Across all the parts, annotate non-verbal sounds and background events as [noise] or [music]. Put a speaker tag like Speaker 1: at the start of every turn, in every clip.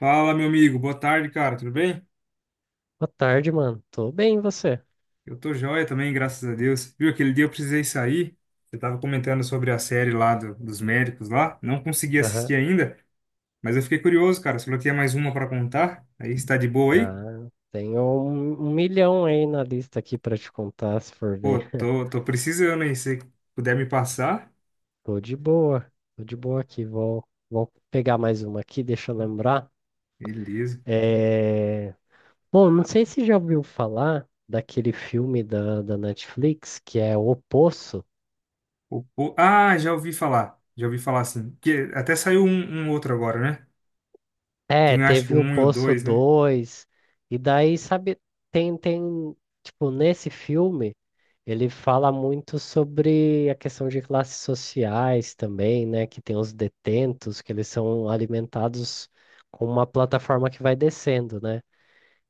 Speaker 1: Fala, meu amigo. Boa tarde, cara. Tudo bem?
Speaker 2: Boa tarde, mano. Tô bem, e você?
Speaker 1: Eu tô joia também, graças a Deus. Viu, aquele dia eu precisei sair. Você tava comentando sobre a série lá dos médicos lá. Não consegui
Speaker 2: Aham.
Speaker 1: assistir ainda, mas eu fiquei curioso, cara. Você falou que tinha mais uma pra contar. Aí, está de boa aí?
Speaker 2: Ah, tenho um milhão aí na lista aqui pra te contar, se for
Speaker 1: Pô,
Speaker 2: ver. [laughs]
Speaker 1: tô precisando aí. Se puder me passar,
Speaker 2: Tô de boa. Tô de boa aqui. Vou pegar mais uma aqui, deixa eu lembrar.
Speaker 1: beleza.
Speaker 2: É... Bom, não sei se já ouviu falar daquele filme da Netflix que é O Poço.
Speaker 1: Ah, já ouvi falar. Já ouvi falar assim. Que até saiu um outro agora, né?
Speaker 2: É,
Speaker 1: Tem acho que o
Speaker 2: teve o
Speaker 1: um e o
Speaker 2: Poço
Speaker 1: dois, né?
Speaker 2: 2 e daí, sabe, tem, tem, tipo, nesse filme, ele fala muito sobre a questão de classes sociais também, né, que tem os detentos, que eles são alimentados com uma plataforma que vai descendo, né?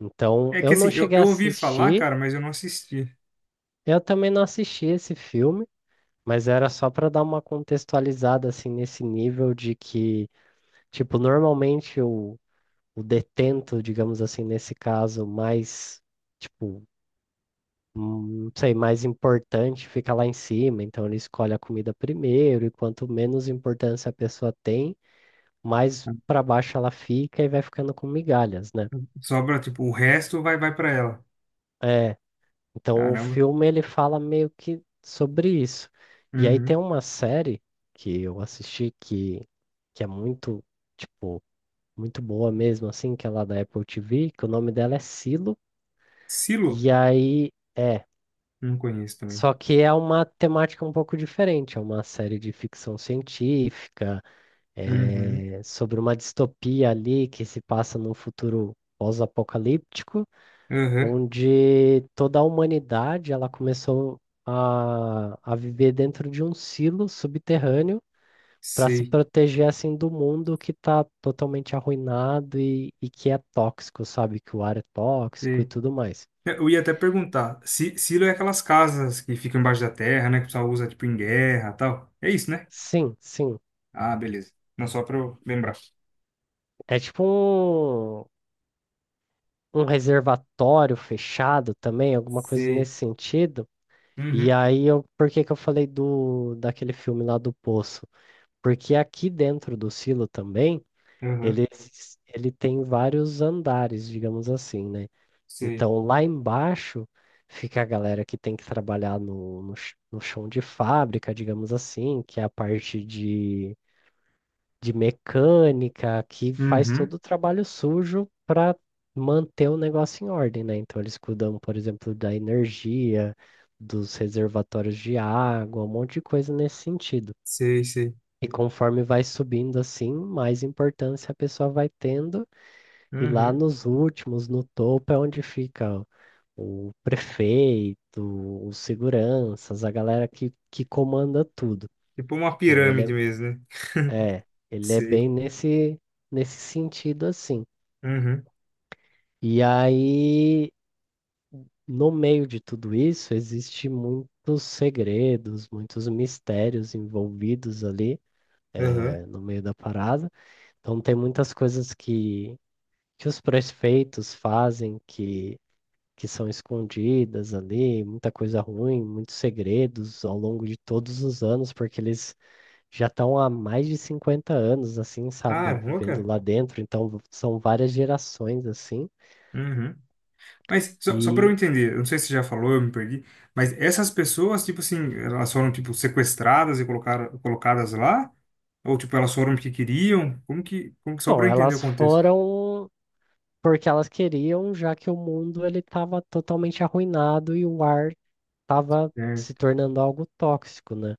Speaker 2: Então,
Speaker 1: É que
Speaker 2: eu
Speaker 1: assim,
Speaker 2: não
Speaker 1: eu,
Speaker 2: cheguei a
Speaker 1: eu ouvi falar,
Speaker 2: assistir,
Speaker 1: cara, mas eu não assisti.
Speaker 2: eu também não assisti esse filme, mas era só para dar uma contextualizada, assim, nesse nível de que, tipo, normalmente o detento, digamos assim, nesse caso, mais, tipo, não sei, mais importante fica lá em cima, então ele escolhe a comida primeiro, e quanto menos importância a pessoa tem, mais para baixo ela fica e vai ficando com migalhas, né?
Speaker 1: Sobra, tipo, o resto vai para ela.
Speaker 2: É, então o
Speaker 1: Caramba.
Speaker 2: filme ele fala meio que sobre isso. E aí tem
Speaker 1: Uhum.
Speaker 2: uma série que eu assisti que é muito, tipo, muito boa mesmo, assim, que é lá da Apple TV, que o nome dela é Silo,
Speaker 1: Silo?
Speaker 2: e aí.
Speaker 1: Não conheço também.
Speaker 2: Só que é uma temática um pouco diferente, é uma série de ficção científica,
Speaker 1: Uhum.
Speaker 2: é, sobre uma distopia ali que se passa num futuro pós-apocalíptico,
Speaker 1: Aham.
Speaker 2: onde toda a humanidade ela começou a viver dentro de um silo subterrâneo para se
Speaker 1: Sei,
Speaker 2: proteger assim do mundo que está totalmente arruinado e que é tóxico, sabe? Que o ar é tóxico e
Speaker 1: sei.
Speaker 2: tudo mais.
Speaker 1: É, eu ia até perguntar. Silo é aquelas casas que ficam embaixo da terra, né? Que o pessoal usa, tipo, em guerra e tal. É isso, né?
Speaker 2: Sim, sim.
Speaker 1: Ah, beleza. Não, só pra eu lembrar.
Speaker 2: É tipo um, um reservatório fechado também, alguma coisa
Speaker 1: Sei.
Speaker 2: nesse sentido. E
Speaker 1: Uhum.
Speaker 2: aí, eu, por que que eu falei do daquele filme lá do Poço? Porque aqui dentro do silo também,
Speaker 1: Aham.
Speaker 2: ele, ele tem vários andares, digamos assim, né?
Speaker 1: Sei.
Speaker 2: Então, lá embaixo fica a galera que tem que trabalhar no chão de fábrica, digamos assim, que é a parte de mecânica, que faz todo
Speaker 1: Uhum.
Speaker 2: o trabalho sujo para manter o negócio em ordem, né? Então eles cuidam, por exemplo, da energia, dos reservatórios de água, um monte de coisa nesse sentido.
Speaker 1: Sei, sei.
Speaker 2: E conforme vai subindo assim, mais importância a pessoa vai tendo, e lá
Speaker 1: Uhum.
Speaker 2: nos últimos, no topo, é onde fica o prefeito, os seguranças, a galera que comanda tudo.
Speaker 1: Tipo uma
Speaker 2: Então ele
Speaker 1: pirâmide
Speaker 2: é
Speaker 1: mesmo, né? [laughs]
Speaker 2: é, ele é
Speaker 1: Sei.
Speaker 2: bem nesse, nesse sentido assim.
Speaker 1: Uhum.
Speaker 2: E aí, no meio de tudo isso, existe muitos segredos, muitos mistérios envolvidos ali,
Speaker 1: Aham.
Speaker 2: é, no meio da parada. Então, tem muitas coisas que os prefeitos fazem que são escondidas ali, muita coisa ruim, muitos segredos ao longo de todos os anos, porque eles já estão há mais de 50 anos, assim, sabe,
Speaker 1: Caramba,
Speaker 2: vivendo
Speaker 1: cara.
Speaker 2: lá dentro, então são várias gerações, assim,
Speaker 1: Uhum. Mas só para eu
Speaker 2: e,
Speaker 1: entender, eu não sei se você já falou, eu me perdi, mas essas pessoas, tipo assim, elas foram tipo sequestradas e colocadas lá? Ou tipo, elas foram porque queriam? Como que só para
Speaker 2: bom,
Speaker 1: eu entender o
Speaker 2: elas
Speaker 1: contexto?
Speaker 2: foram porque elas queriam, já que o mundo ele estava totalmente arruinado e o ar estava se
Speaker 1: É.
Speaker 2: tornando algo tóxico, né?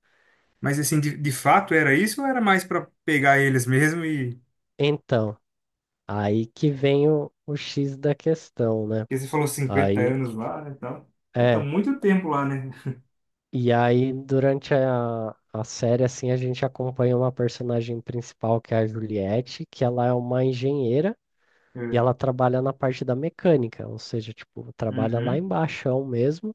Speaker 1: Mas assim, de fato era isso ou era mais para pegar eles mesmo e
Speaker 2: Então, aí que vem o X da questão, né?
Speaker 1: porque você falou 50
Speaker 2: Aí,
Speaker 1: anos lá, né, então, então tá
Speaker 2: é,
Speaker 1: muito tempo lá, né?
Speaker 2: e aí durante a série, assim, a gente acompanha uma personagem principal, que é a Juliette, que ela é uma engenheira. E
Speaker 1: É.
Speaker 2: ela trabalha na parte da mecânica, ou seja, tipo, trabalha lá
Speaker 1: Uhum.
Speaker 2: embaixo mesmo.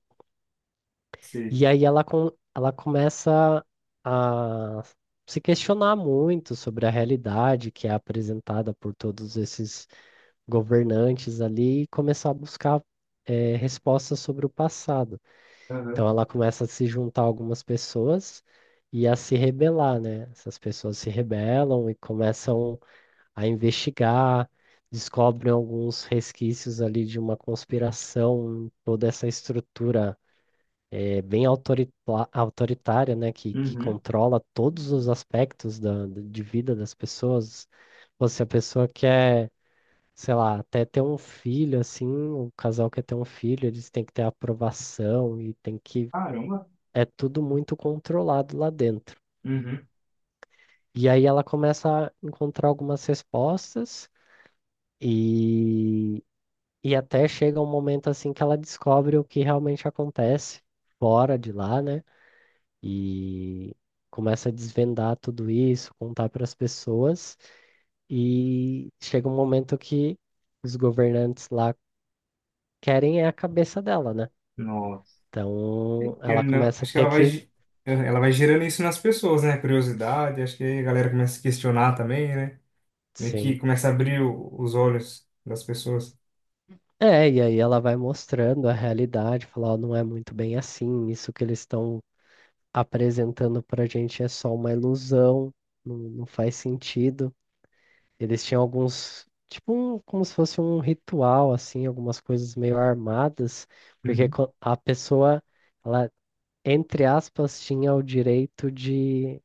Speaker 1: Sei.
Speaker 2: E aí ela, com, ela começa a se questionar muito sobre a realidade que é apresentada por todos esses governantes ali e começar a buscar respostas sobre o passado.
Speaker 1: Aham.
Speaker 2: Então ela começa a se juntar a algumas pessoas e a se rebelar, né? Essas pessoas se rebelam e começam a investigar, descobrem alguns resquícios ali de uma conspiração, em toda essa estrutura é, autoritária, né, que
Speaker 1: Uhum.
Speaker 2: controla todos os aspectos da, de vida das pessoas. Pô, se a pessoa quer, sei lá, até ter um filho, assim, o casal quer ter um filho, eles têm que ter aprovação e tem que.
Speaker 1: Caramba.
Speaker 2: É tudo muito controlado lá dentro.
Speaker 1: Uhum.
Speaker 2: E aí ela começa a encontrar algumas respostas. E E até chega um momento assim que ela descobre o que realmente acontece fora de lá, né? E começa a desvendar tudo isso, contar para as pessoas. E chega um momento que os governantes lá querem é a cabeça dela, né?
Speaker 1: Nossa.
Speaker 2: Então
Speaker 1: Que
Speaker 2: ela
Speaker 1: não,
Speaker 2: começa a
Speaker 1: acho que
Speaker 2: ter
Speaker 1: ela vai,
Speaker 2: que,
Speaker 1: ela vai gerando isso nas pessoas, né? Curiosidade, acho que aí a galera começa a se questionar também, né? Meio que
Speaker 2: sim.
Speaker 1: começa a abrir os olhos das pessoas.
Speaker 2: É, e aí ela vai mostrando a realidade, falar, "Ó, não é muito bem assim, isso que eles estão apresentando pra gente é só uma ilusão, não, não faz sentido. Eles tinham alguns, tipo, como se fosse um ritual, assim, algumas coisas meio armadas, porque
Speaker 1: Uhum.
Speaker 2: a pessoa, ela, entre aspas, tinha o direito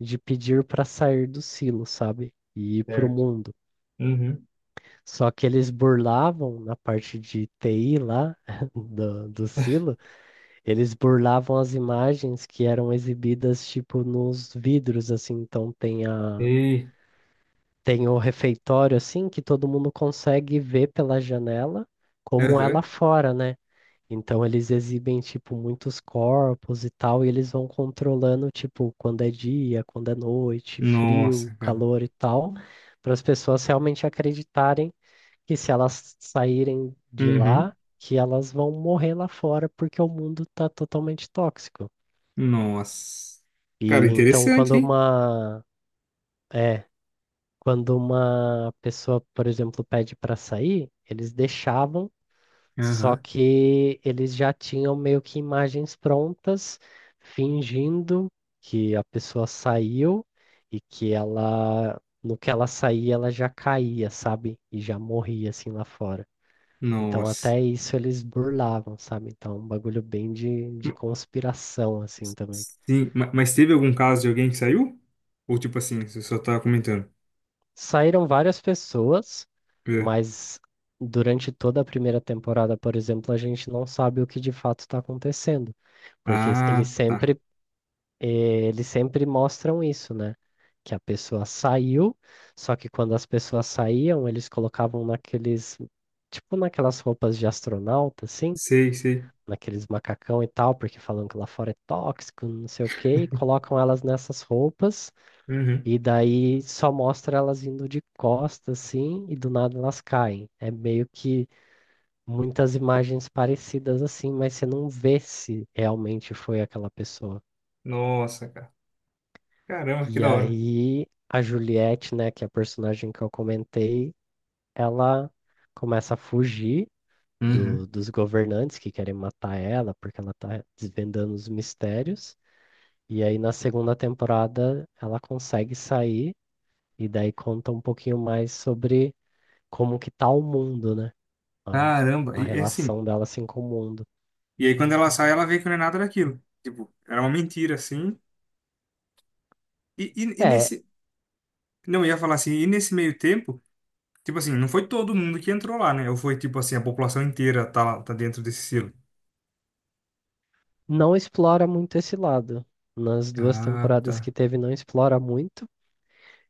Speaker 2: de pedir para sair do silo, sabe? E ir para o
Speaker 1: Certo.
Speaker 2: mundo.
Speaker 1: Uhum.
Speaker 2: Só que eles burlavam, na parte de TI lá, [laughs] do silo, eles burlavam as imagens que eram exibidas, tipo, nos vidros, assim, então tem a
Speaker 1: Ei.
Speaker 2: Tem o refeitório, assim, que todo mundo consegue ver pela janela como é lá
Speaker 1: Aham.
Speaker 2: fora, né? Então eles exibem, tipo, muitos corpos e tal, e eles vão controlando, tipo, quando é dia, quando é noite, frio,
Speaker 1: Nossa, cara.
Speaker 2: calor e tal, para as pessoas realmente acreditarem que se elas saírem de
Speaker 1: Uhum.
Speaker 2: lá, que elas vão morrer lá fora porque o mundo tá totalmente tóxico.
Speaker 1: Nossa. Cara,
Speaker 2: E então quando
Speaker 1: interessante, hein?
Speaker 2: uma. É, Quando uma pessoa, por exemplo, pede para sair, eles deixavam, só
Speaker 1: Aham.
Speaker 2: que eles já tinham meio que imagens prontas, fingindo que a pessoa saiu e que ela, no que ela saía, ela já caía, sabe? E já morria assim lá fora. Então,
Speaker 1: Nossa.
Speaker 2: até isso eles burlavam, sabe? Então, é um bagulho bem de
Speaker 1: Ma-
Speaker 2: conspiração, assim também.
Speaker 1: Sim, mas teve algum caso de alguém que saiu? Ou tipo assim, você só tá comentando?
Speaker 2: Saíram várias pessoas.
Speaker 1: É.
Speaker 2: Mas durante toda a primeira temporada, por exemplo, a gente não sabe o que de fato está acontecendo, porque eles
Speaker 1: Ah, tá.
Speaker 2: sempre, eles sempre mostram isso, né? Que a pessoa saiu, só que quando as pessoas saíam, eles colocavam naqueles, tipo naquelas roupas de astronauta, assim,
Speaker 1: Sei, sei.
Speaker 2: naqueles macacão e tal, porque falam que lá fora é tóxico, não sei o quê, e colocam elas nessas roupas,
Speaker 1: Uhum.
Speaker 2: e daí só mostra elas indo de costas, assim, e do nada elas caem. É meio que muitas imagens parecidas assim, mas você não vê se realmente foi aquela pessoa.
Speaker 1: Nossa, cara. Caramba, que
Speaker 2: E
Speaker 1: da hora.
Speaker 2: aí a Juliette, né, que é a personagem que eu comentei, ela começa a fugir
Speaker 1: Uhum.
Speaker 2: dos governantes que querem matar ela, porque ela tá desvendando os mistérios. E aí na segunda temporada ela consegue sair e daí conta um pouquinho mais sobre como que tá o mundo, né? A,
Speaker 1: Caramba,
Speaker 2: a
Speaker 1: e assim.
Speaker 2: relação dela assim com o mundo.
Speaker 1: E aí quando ela sai, ela vê que não é nada daquilo. Tipo, era uma mentira, assim. E
Speaker 2: É,
Speaker 1: nesse. Não, eu ia falar assim, e nesse meio tempo, tipo assim, não foi todo mundo que entrou lá, né? Ou foi tipo assim, a população inteira tá, tá dentro desse selo.
Speaker 2: não explora muito esse lado. Nas duas
Speaker 1: Ah,
Speaker 2: temporadas que
Speaker 1: tá.
Speaker 2: teve, não explora muito.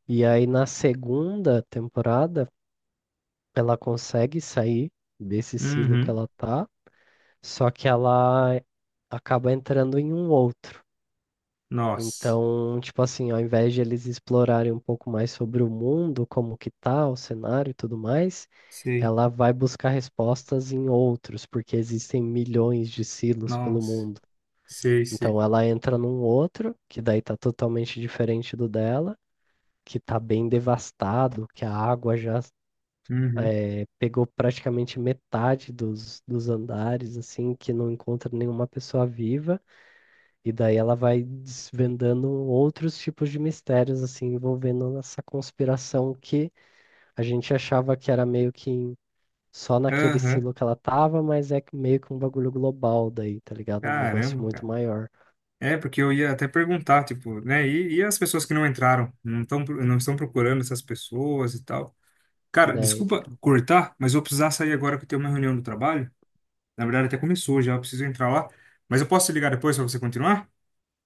Speaker 2: E aí, na segunda temporada, ela consegue sair desse silo que
Speaker 1: Uhum.
Speaker 2: ela tá, só que ela acaba entrando em um outro.
Speaker 1: Nossa.
Speaker 2: Então, tipo assim, ao invés de eles explorarem um pouco mais sobre o mundo, como que tá, o cenário e tudo mais,
Speaker 1: Sei.
Speaker 2: ela vai buscar respostas em outros, porque existem milhões de silos pelo
Speaker 1: Nossa.
Speaker 2: mundo.
Speaker 1: Sei, sei.
Speaker 2: Então ela entra num outro, que daí tá totalmente diferente do dela, que tá bem devastado, que a água já
Speaker 1: Uhum.
Speaker 2: pegou praticamente metade dos, dos andares, assim, que não encontra nenhuma pessoa viva, e daí ela vai desvendando outros tipos de mistérios, assim, envolvendo essa conspiração que a gente achava que era meio que só naquele
Speaker 1: Aham.
Speaker 2: silo que ela tava, mas é que meio que um bagulho global daí, tá ligado? Um negócio
Speaker 1: Caramba,
Speaker 2: muito
Speaker 1: cara.
Speaker 2: maior.
Speaker 1: É, porque eu ia até perguntar, tipo, né? E as pessoas que não entraram? Não estão procurando essas pessoas e tal. Cara,
Speaker 2: Daí
Speaker 1: desculpa cortar, mas eu vou precisar sair agora que eu tenho uma reunião do trabalho. Na verdade, até começou já, eu preciso entrar lá. Mas eu posso te ligar depois pra você continuar?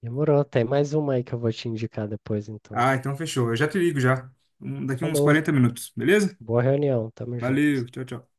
Speaker 2: Demorou. Tem mais uma aí que eu vou te indicar depois, então.
Speaker 1: Ah, então fechou. Eu já te ligo já. Daqui uns
Speaker 2: Falou.
Speaker 1: 40 minutos, beleza?
Speaker 2: Boa reunião. Tamo junto.
Speaker 1: Valeu, tchau, tchau.